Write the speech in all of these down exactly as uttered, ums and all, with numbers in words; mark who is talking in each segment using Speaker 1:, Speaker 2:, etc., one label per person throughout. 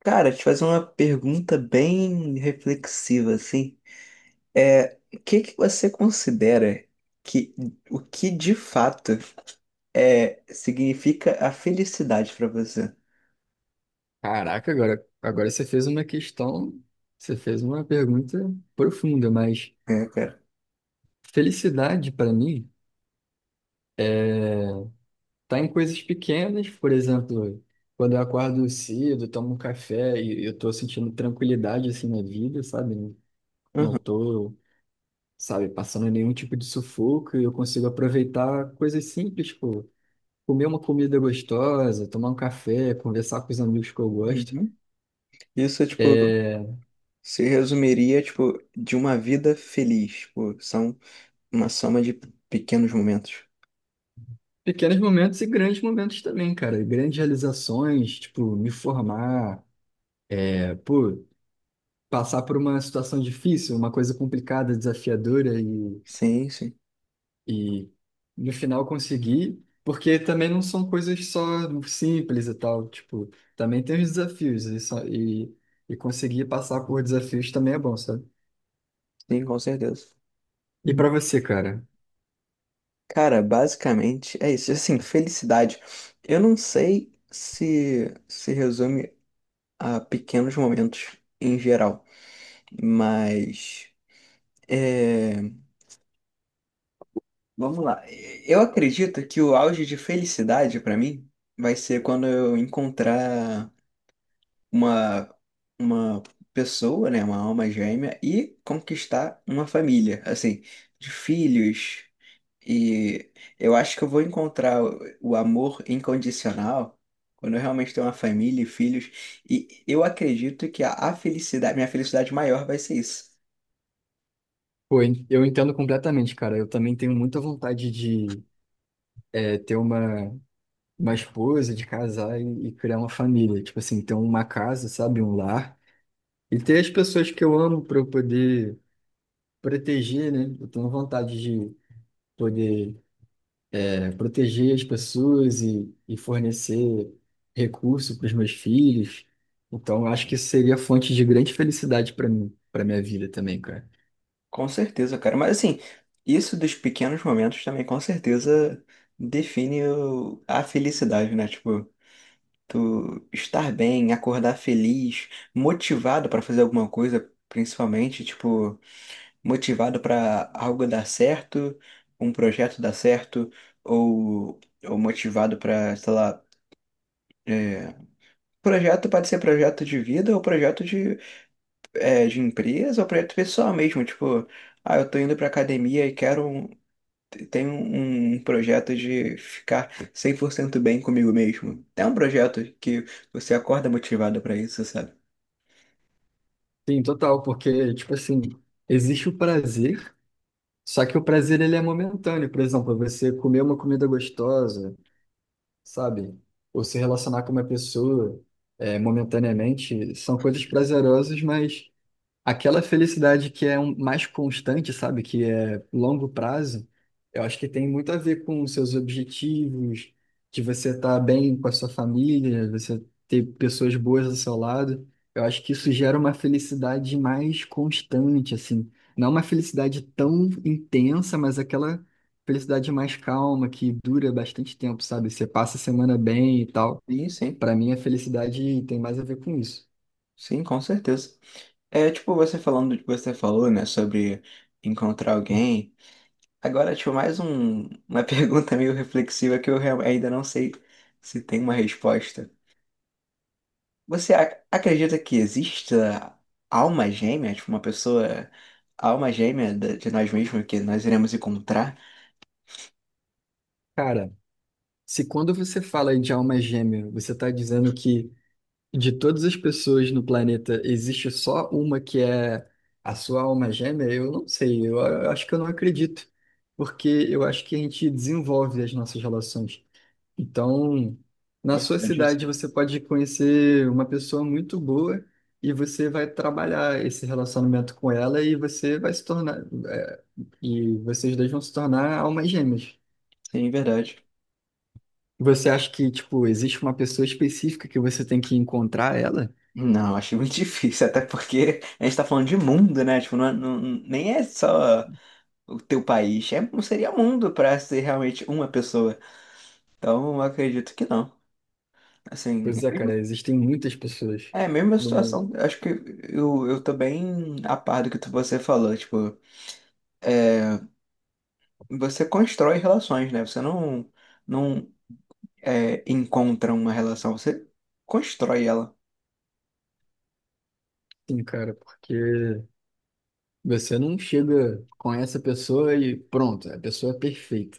Speaker 1: Cara, te fazer uma pergunta bem reflexiva, assim. É, o que que você considera que o que de fato é significa a felicidade pra você?
Speaker 2: Caraca, agora, agora você fez uma questão, você fez uma pergunta profunda, mas
Speaker 1: É, cara.
Speaker 2: felicidade para mim tá em coisas pequenas, por exemplo, quando eu acordo cedo, tomo um café e eu tô sentindo tranquilidade assim na vida, sabe? Não não
Speaker 1: Uhum.
Speaker 2: tô, sabe, passando nenhum tipo de sufoco e eu consigo aproveitar coisas simples, tipo, comer uma comida gostosa, tomar um café, conversar com os amigos que eu gosto.
Speaker 1: Uhum. Isso, tipo,
Speaker 2: É,
Speaker 1: se resumiria, tipo, de uma vida feliz. Tipo, são uma soma de pequenos momentos.
Speaker 2: pequenos momentos e grandes momentos também, cara. Grandes realizações, tipo, me formar, é, pô, passar por uma situação difícil, uma coisa complicada, desafiadora e,
Speaker 1: Sim, sim.
Speaker 2: e no final conseguir, porque também não são coisas só simples e tal, tipo, também tem os desafios e, só- e, e conseguir passar por desafios também é bom, sabe?
Speaker 1: Sim, com certeza.
Speaker 2: E pra você, cara?
Speaker 1: Cara, basicamente é isso. Assim, felicidade. Eu não sei se se resume a pequenos momentos em geral, mas é, vamos lá. Eu acredito que o auge de felicidade pra mim vai ser quando eu encontrar uma, uma pessoa, né, uma alma gêmea e conquistar uma família, assim, de filhos. E eu acho que eu vou encontrar o o amor incondicional quando eu realmente tenho uma família e filhos. E eu acredito que a, a felicidade, minha felicidade maior vai ser isso.
Speaker 2: Pô, eu entendo completamente, cara. Eu também tenho muita vontade de, é, ter uma uma esposa, de casar e, e criar uma família. Tipo assim, ter uma casa, sabe? Um lar. E ter as pessoas que eu amo para eu poder proteger, né? Eu tenho vontade de poder é, proteger as pessoas e, e fornecer recurso para os meus filhos. Então, eu acho que isso seria fonte de grande felicidade para mim, para minha vida também, cara.
Speaker 1: Com certeza, cara. Mas assim, isso dos pequenos momentos também com certeza define o- a felicidade, né? Tipo, tu estar bem, acordar feliz, motivado para fazer alguma coisa, principalmente, tipo, motivado para algo dar certo, um projeto dar certo, ou, ou motivado para, sei lá, é, projeto pode ser projeto de vida ou projeto de, é, de empresa ou projeto pessoal mesmo, tipo, ah, eu tô indo pra academia e quero um Tenho um um projeto de ficar cem por cento bem comigo mesmo. É um projeto que você acorda motivado pra isso, sabe?
Speaker 2: Sim, total, porque, tipo assim, existe o prazer, só que o prazer ele é momentâneo. Por exemplo, você comer uma comida gostosa, sabe? Ou se relacionar com uma pessoa é, momentaneamente são coisas prazerosas, mas aquela felicidade que é um- mais constante, sabe? Que é longo prazo, eu acho que tem muito a ver com os seus objetivos, de você estar bem com a sua família, você ter pessoas boas ao seu lado. Eu acho que isso gera uma felicidade mais constante, assim. Não uma felicidade tão intensa, mas aquela felicidade mais calma, que dura bastante tempo, sabe? Você passa a semana bem e tal.
Speaker 1: Sim, sim.
Speaker 2: Para mim, a felicidade tem mais a ver com isso.
Speaker 1: Sim, com certeza. É, tipo, você falando do que você falou, né, sobre encontrar alguém. Agora, tipo, mais um, uma pergunta meio reflexiva que eu real- ainda não sei se tem uma resposta. Você ac- acredita que exista alma gêmea, tipo, uma pessoa, alma gêmea da- de nós mesmos que nós iremos encontrar?
Speaker 2: Cara, se quando você fala de alma gêmea, você está dizendo que de todas as pessoas no planeta existe só uma que é a sua alma gêmea, eu não sei, eu a- acho que eu não acredito, porque eu acho que a gente desenvolve as nossas relações. Então, na sua
Speaker 1: Verdade. Isso.
Speaker 2: cidade você pode conhecer uma pessoa muito boa e você vai trabalhar esse relacionamento com ela e você vai se tornar, eh, e vocês dois vão se tornar almas gêmeas.
Speaker 1: Sim, verdade.
Speaker 2: Você acha que, tipo, existe uma pessoa específica que você tem que encontrar ela?
Speaker 1: Não, acho muito difícil, até porque a gente tá falando de mundo, né? Tipo, não, é, não- nem é só o teu país. É, não seria mundo para ser realmente uma pessoa. Então, eu acredito que não. Assim,
Speaker 2: Pois
Speaker 1: é
Speaker 2: é, cara,
Speaker 1: mesmo-
Speaker 2: existem muitas pessoas
Speaker 1: é a mesma
Speaker 2: no mundo.
Speaker 1: situação. Acho que eu, eu tô bem a par do que tu- você falou. Tipo, é, você constrói relações, né? Você não, não é, encontra uma relação, você constrói ela.
Speaker 2: Sim, cara, porque você não chega com essa pessoa e pronto, a pessoa é perfeita.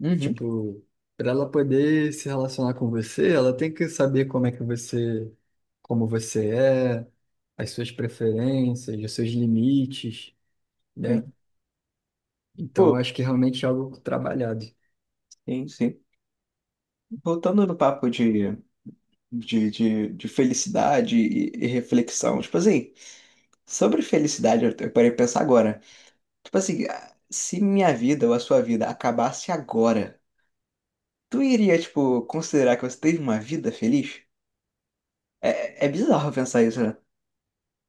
Speaker 1: Uhum.
Speaker 2: Tipo, para ela poder se relacionar com você, ela tem que saber como é que você, como você é, as suas preferências, os seus limites, né?
Speaker 1: Sim.
Speaker 2: Então,
Speaker 1: Pô,
Speaker 2: eu acho que realmente é algo trabalhado.
Speaker 1: sim, sim. Voltando no papo de, de, de, de felicidade e, e reflexão. Tipo assim, sobre felicidade, eu parei de pensar agora. Tipo assim, ah, se minha vida ou a sua vida acabasse agora, tu iria, tipo, considerar que você teve uma vida feliz? É, é bizarro pensar isso, né?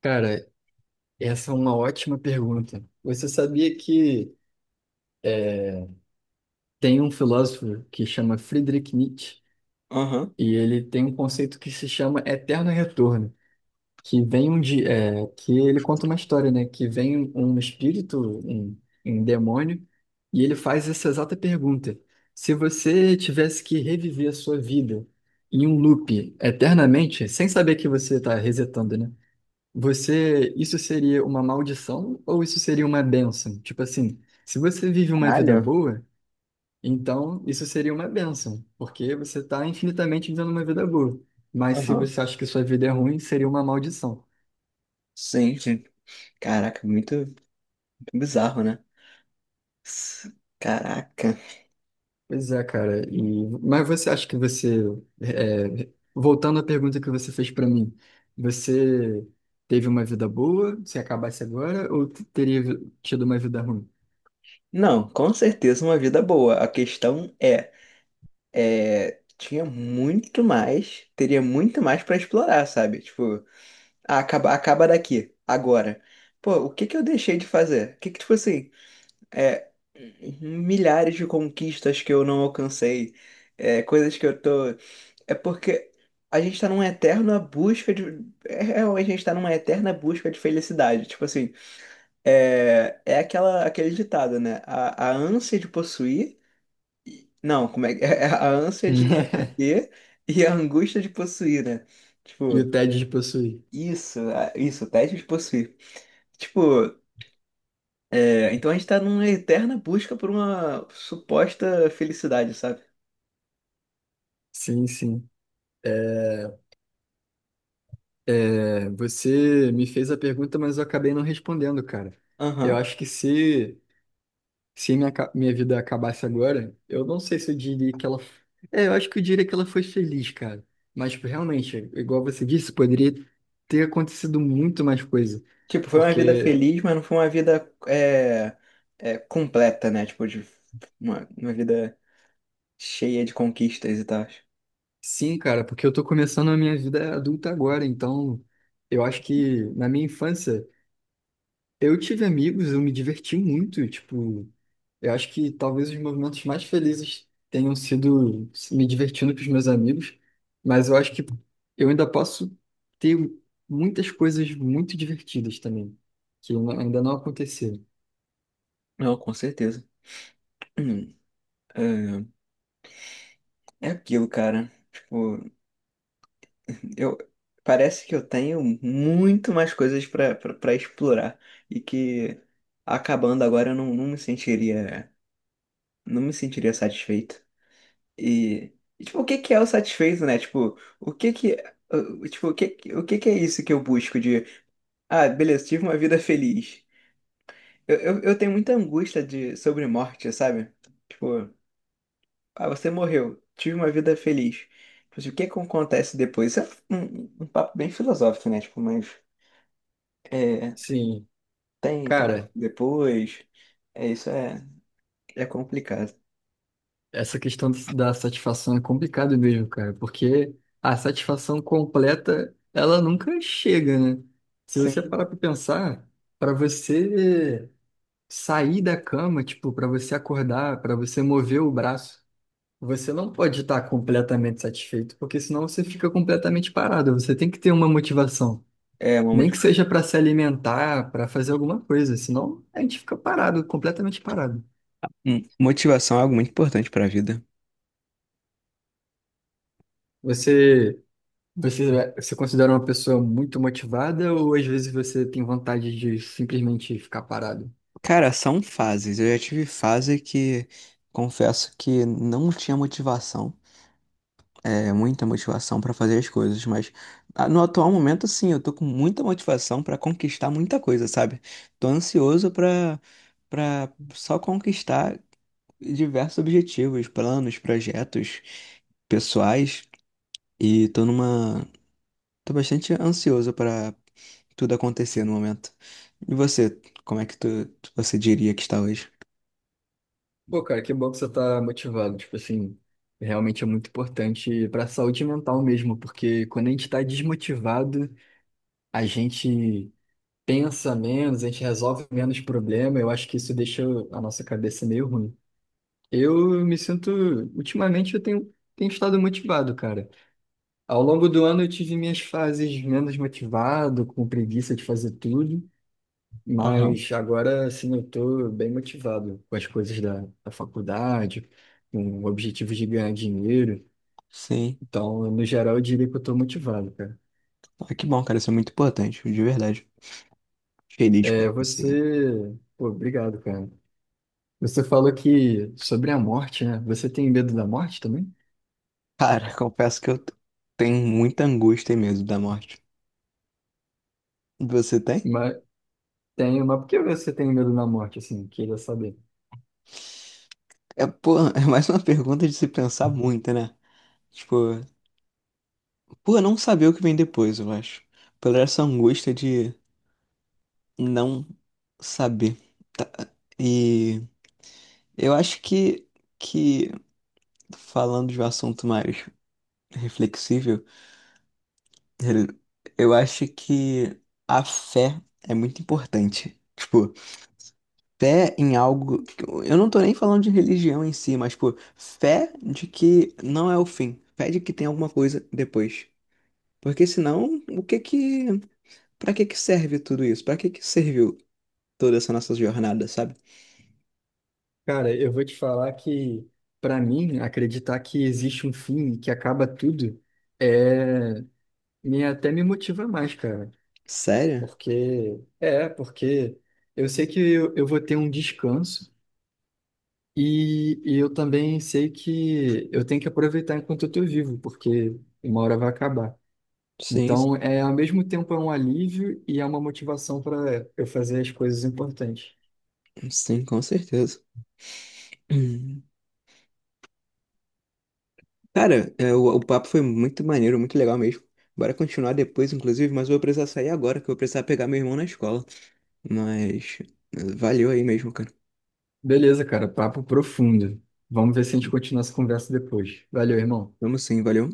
Speaker 2: Cara, essa é uma ótima pergunta. Você sabia que tem um filósofo que chama Friedrich Nietzsche
Speaker 1: Aham.
Speaker 2: e ele tem um conceito que se chama eterno retorno, que vem um dia, é, que ele conta uma história, né? Que vem um espírito, um, um demônio, e ele faz essa exata pergunta: se você tivesse que reviver a sua vida em um loop eternamente, sem saber que você está resetando, né? Você, isso seria uma maldição ou isso seria uma bênção? Tipo assim, se você vive uma vida
Speaker 1: Caralho.
Speaker 2: boa, então isso seria uma bênção, porque você está infinitamente vivendo uma vida boa. Mas se
Speaker 1: Aham.
Speaker 2: você acha que sua vida é ruim, seria uma maldição.
Speaker 1: Sim, sim. Caraca, muito, muito bizarro, né? S- Caraca.
Speaker 2: Pois é, cara. E, mas você acha que você, é, voltando à pergunta que você fez para mim, você teve uma vida boa, se acabasse agora, ou teria tido uma vida ruim?
Speaker 1: Não, com certeza uma vida boa. A questão é, é, tinha muito mais, teria muito mais pra explorar, sabe? Tipo, ah, acaba, acaba daqui, agora. Pô, o que que eu deixei de fazer? O que que, tipo assim, é, milhares de conquistas que eu não alcancei, é, coisas que eu tô. É porque a gente tá numa eterna busca de. É, realmente a gente tá numa eterna busca de felicidade. Tipo assim, é, é aquela, aquele ditado, né? A, a ânsia de possuir. Não, como é que é? A ânsia de ter e a angústia de possuir, né?
Speaker 2: E
Speaker 1: Tipo,
Speaker 2: o tédio de possuir.
Speaker 1: isso, a- isso, o teste de possuir. Tipo, é, então a gente tá numa eterna busca por uma suposta felicidade, sabe?
Speaker 2: Sim, sim. É, você me fez a pergunta, mas eu acabei não respondendo, cara. Eu
Speaker 1: Aham.
Speaker 2: acho que se, se minha, ca- minha vida acabasse agora, eu não sei se eu diria que ela. É, eu acho que eu diria que ela foi feliz, cara. Mas tipo, realmente, igual você disse, poderia ter acontecido muito mais coisa.
Speaker 1: Tipo, foi uma vida
Speaker 2: Porque,
Speaker 1: feliz, mas não foi uma vida é, é, completa, né? Tipo, de uma, uma vida cheia de conquistas e tal.
Speaker 2: sim, cara, porque eu tô começando a minha vida adulta agora, então eu acho que na minha infância. Eu tive amigos, eu me diverti muito, tipo, eu acho que talvez os momentos mais felizes tenham sido me divertindo com os meus amigos, mas eu acho que eu ainda posso ter muitas coisas muito divertidas também, que não- ainda não aconteceram.
Speaker 1: Não, com certeza. Hum, É, é aquilo, cara. Tipo, eu parece que eu tenho muito mais coisas pra pra- pra explorar e que acabando agora eu não, não me sentiria. Não me sentiria satisfeito. E, e, tipo, o que que é o satisfeito, né? Tipo, o que que uh, tipo, o que que- o que que é isso que eu busco de. Ah, beleza, tive uma vida feliz. Eu, eu, eu tenho muita angústia de, sobre morte, sabe? Tipo, ah, você morreu, tive uma vida feliz. Mas o que que acontece depois? Isso é um, um papo bem filosófico, né? Tipo, mas é,
Speaker 2: Sim,
Speaker 1: tem, tem
Speaker 2: cara,
Speaker 1: depois. É, isso é, é complicado.
Speaker 2: essa questão da satisfação é complicado mesmo, cara, porque a satisfação completa, ela nunca chega, né? Se você
Speaker 1: Sim,
Speaker 2: parar pra pensar, pra você sair da cama, tipo, para você acordar, para você mover o braço, você não pode estar completamente satisfeito, porque senão você fica completamente parado. Você tem que ter uma motivação,
Speaker 1: é uma
Speaker 2: nem que
Speaker 1: motivação.
Speaker 2: seja para se alimentar, para fazer alguma coisa, senão a gente fica parado, completamente parado.
Speaker 1: Hum, Motivação é algo muito importante pra vida.
Speaker 2: Você, você, você considera uma pessoa muito motivada ou às vezes você tem vontade de simplesmente ficar parado?
Speaker 1: Cara, são fases. Eu já tive fase que confesso que não tinha motivação, é, muita motivação para fazer as coisas, mas ah, no atual momento, sim, eu tô com muita motivação para conquistar muita coisa, sabe? Tô ansioso para para só conquistar diversos objetivos, planos, projetos pessoais e tô numa Tô bastante ansioso pra tudo acontecer no momento. E você, como é que tu, tu- você diria que está hoje?
Speaker 2: Pô, cara, que bom que você tá motivado. Tipo assim, realmente é muito importante pra saúde mental mesmo, porque quando a gente tá desmotivado, a gente pensa menos, a gente resolve menos problema. Eu acho que isso deixa a nossa cabeça meio ruim. Eu me sinto, ultimamente eu tenho, tenho estado motivado, cara. Ao longo do ano eu tive minhas fases menos motivado, com preguiça de fazer tudo.
Speaker 1: Aham.
Speaker 2: Mas agora, assim, eu tô bem motivado com as coisas da, da faculdade, com o objetivo de ganhar dinheiro.
Speaker 1: Sim.
Speaker 2: Então, no geral, eu diria que eu tô motivado, cara.
Speaker 1: Ah, que bom, cara, isso é muito importante, de verdade. Feliz por
Speaker 2: É,
Speaker 1: você, né?
Speaker 2: você... Pô, obrigado, cara. Você falou que sobre a morte, né? Você tem medo da morte também?
Speaker 1: Cara, confesso que eu t- tenho muita angústia e medo da morte. Você tem?
Speaker 2: Mas tenho, mas por que você tem medo da morte, assim? Queria saber.
Speaker 1: É, pô, é mais uma pergunta de se pensar muito, né? Tipo, por não saber o que vem depois, eu acho. Pela essa angústia de não saber. Tá. E eu acho que, que falando de um assunto mais reflexível, eu acho que a fé é muito importante. Tipo, fé em algo. Eu não tô nem falando de religião em si, mas, pô, fé de que não é o fim. Fé de que tem alguma coisa depois. Porque senão, o que que. Pra que que serve tudo isso? Pra que que serviu toda essa nossa jornada, sabe?
Speaker 2: Cara, eu vou te falar que, pra mim, acreditar que existe um fim que acaba tudo é... Me, até me motiva mais, cara.
Speaker 1: Sério?
Speaker 2: Porque, é, porque eu sei que eu, eu vou ter um descanso e, e eu também sei que eu tenho que aproveitar enquanto eu estou vivo, porque uma hora vai acabar.
Speaker 1: Sim,
Speaker 2: Então, é, ao mesmo tempo é um alívio e é uma motivação para eu fazer as coisas importantes.
Speaker 1: sim, com certeza. Hum. Cara, é, o, o papo foi muito maneiro, muito legal mesmo. Bora continuar depois, inclusive, mas eu vou precisar sair agora, que eu vou precisar pegar meu irmão na escola. Mas eh, valeu aí mesmo, cara.
Speaker 2: Beleza, cara, papo profundo. Vamos ver se a gente continua essa conversa depois. Valeu, irmão.
Speaker 1: Vamos sim, valeu.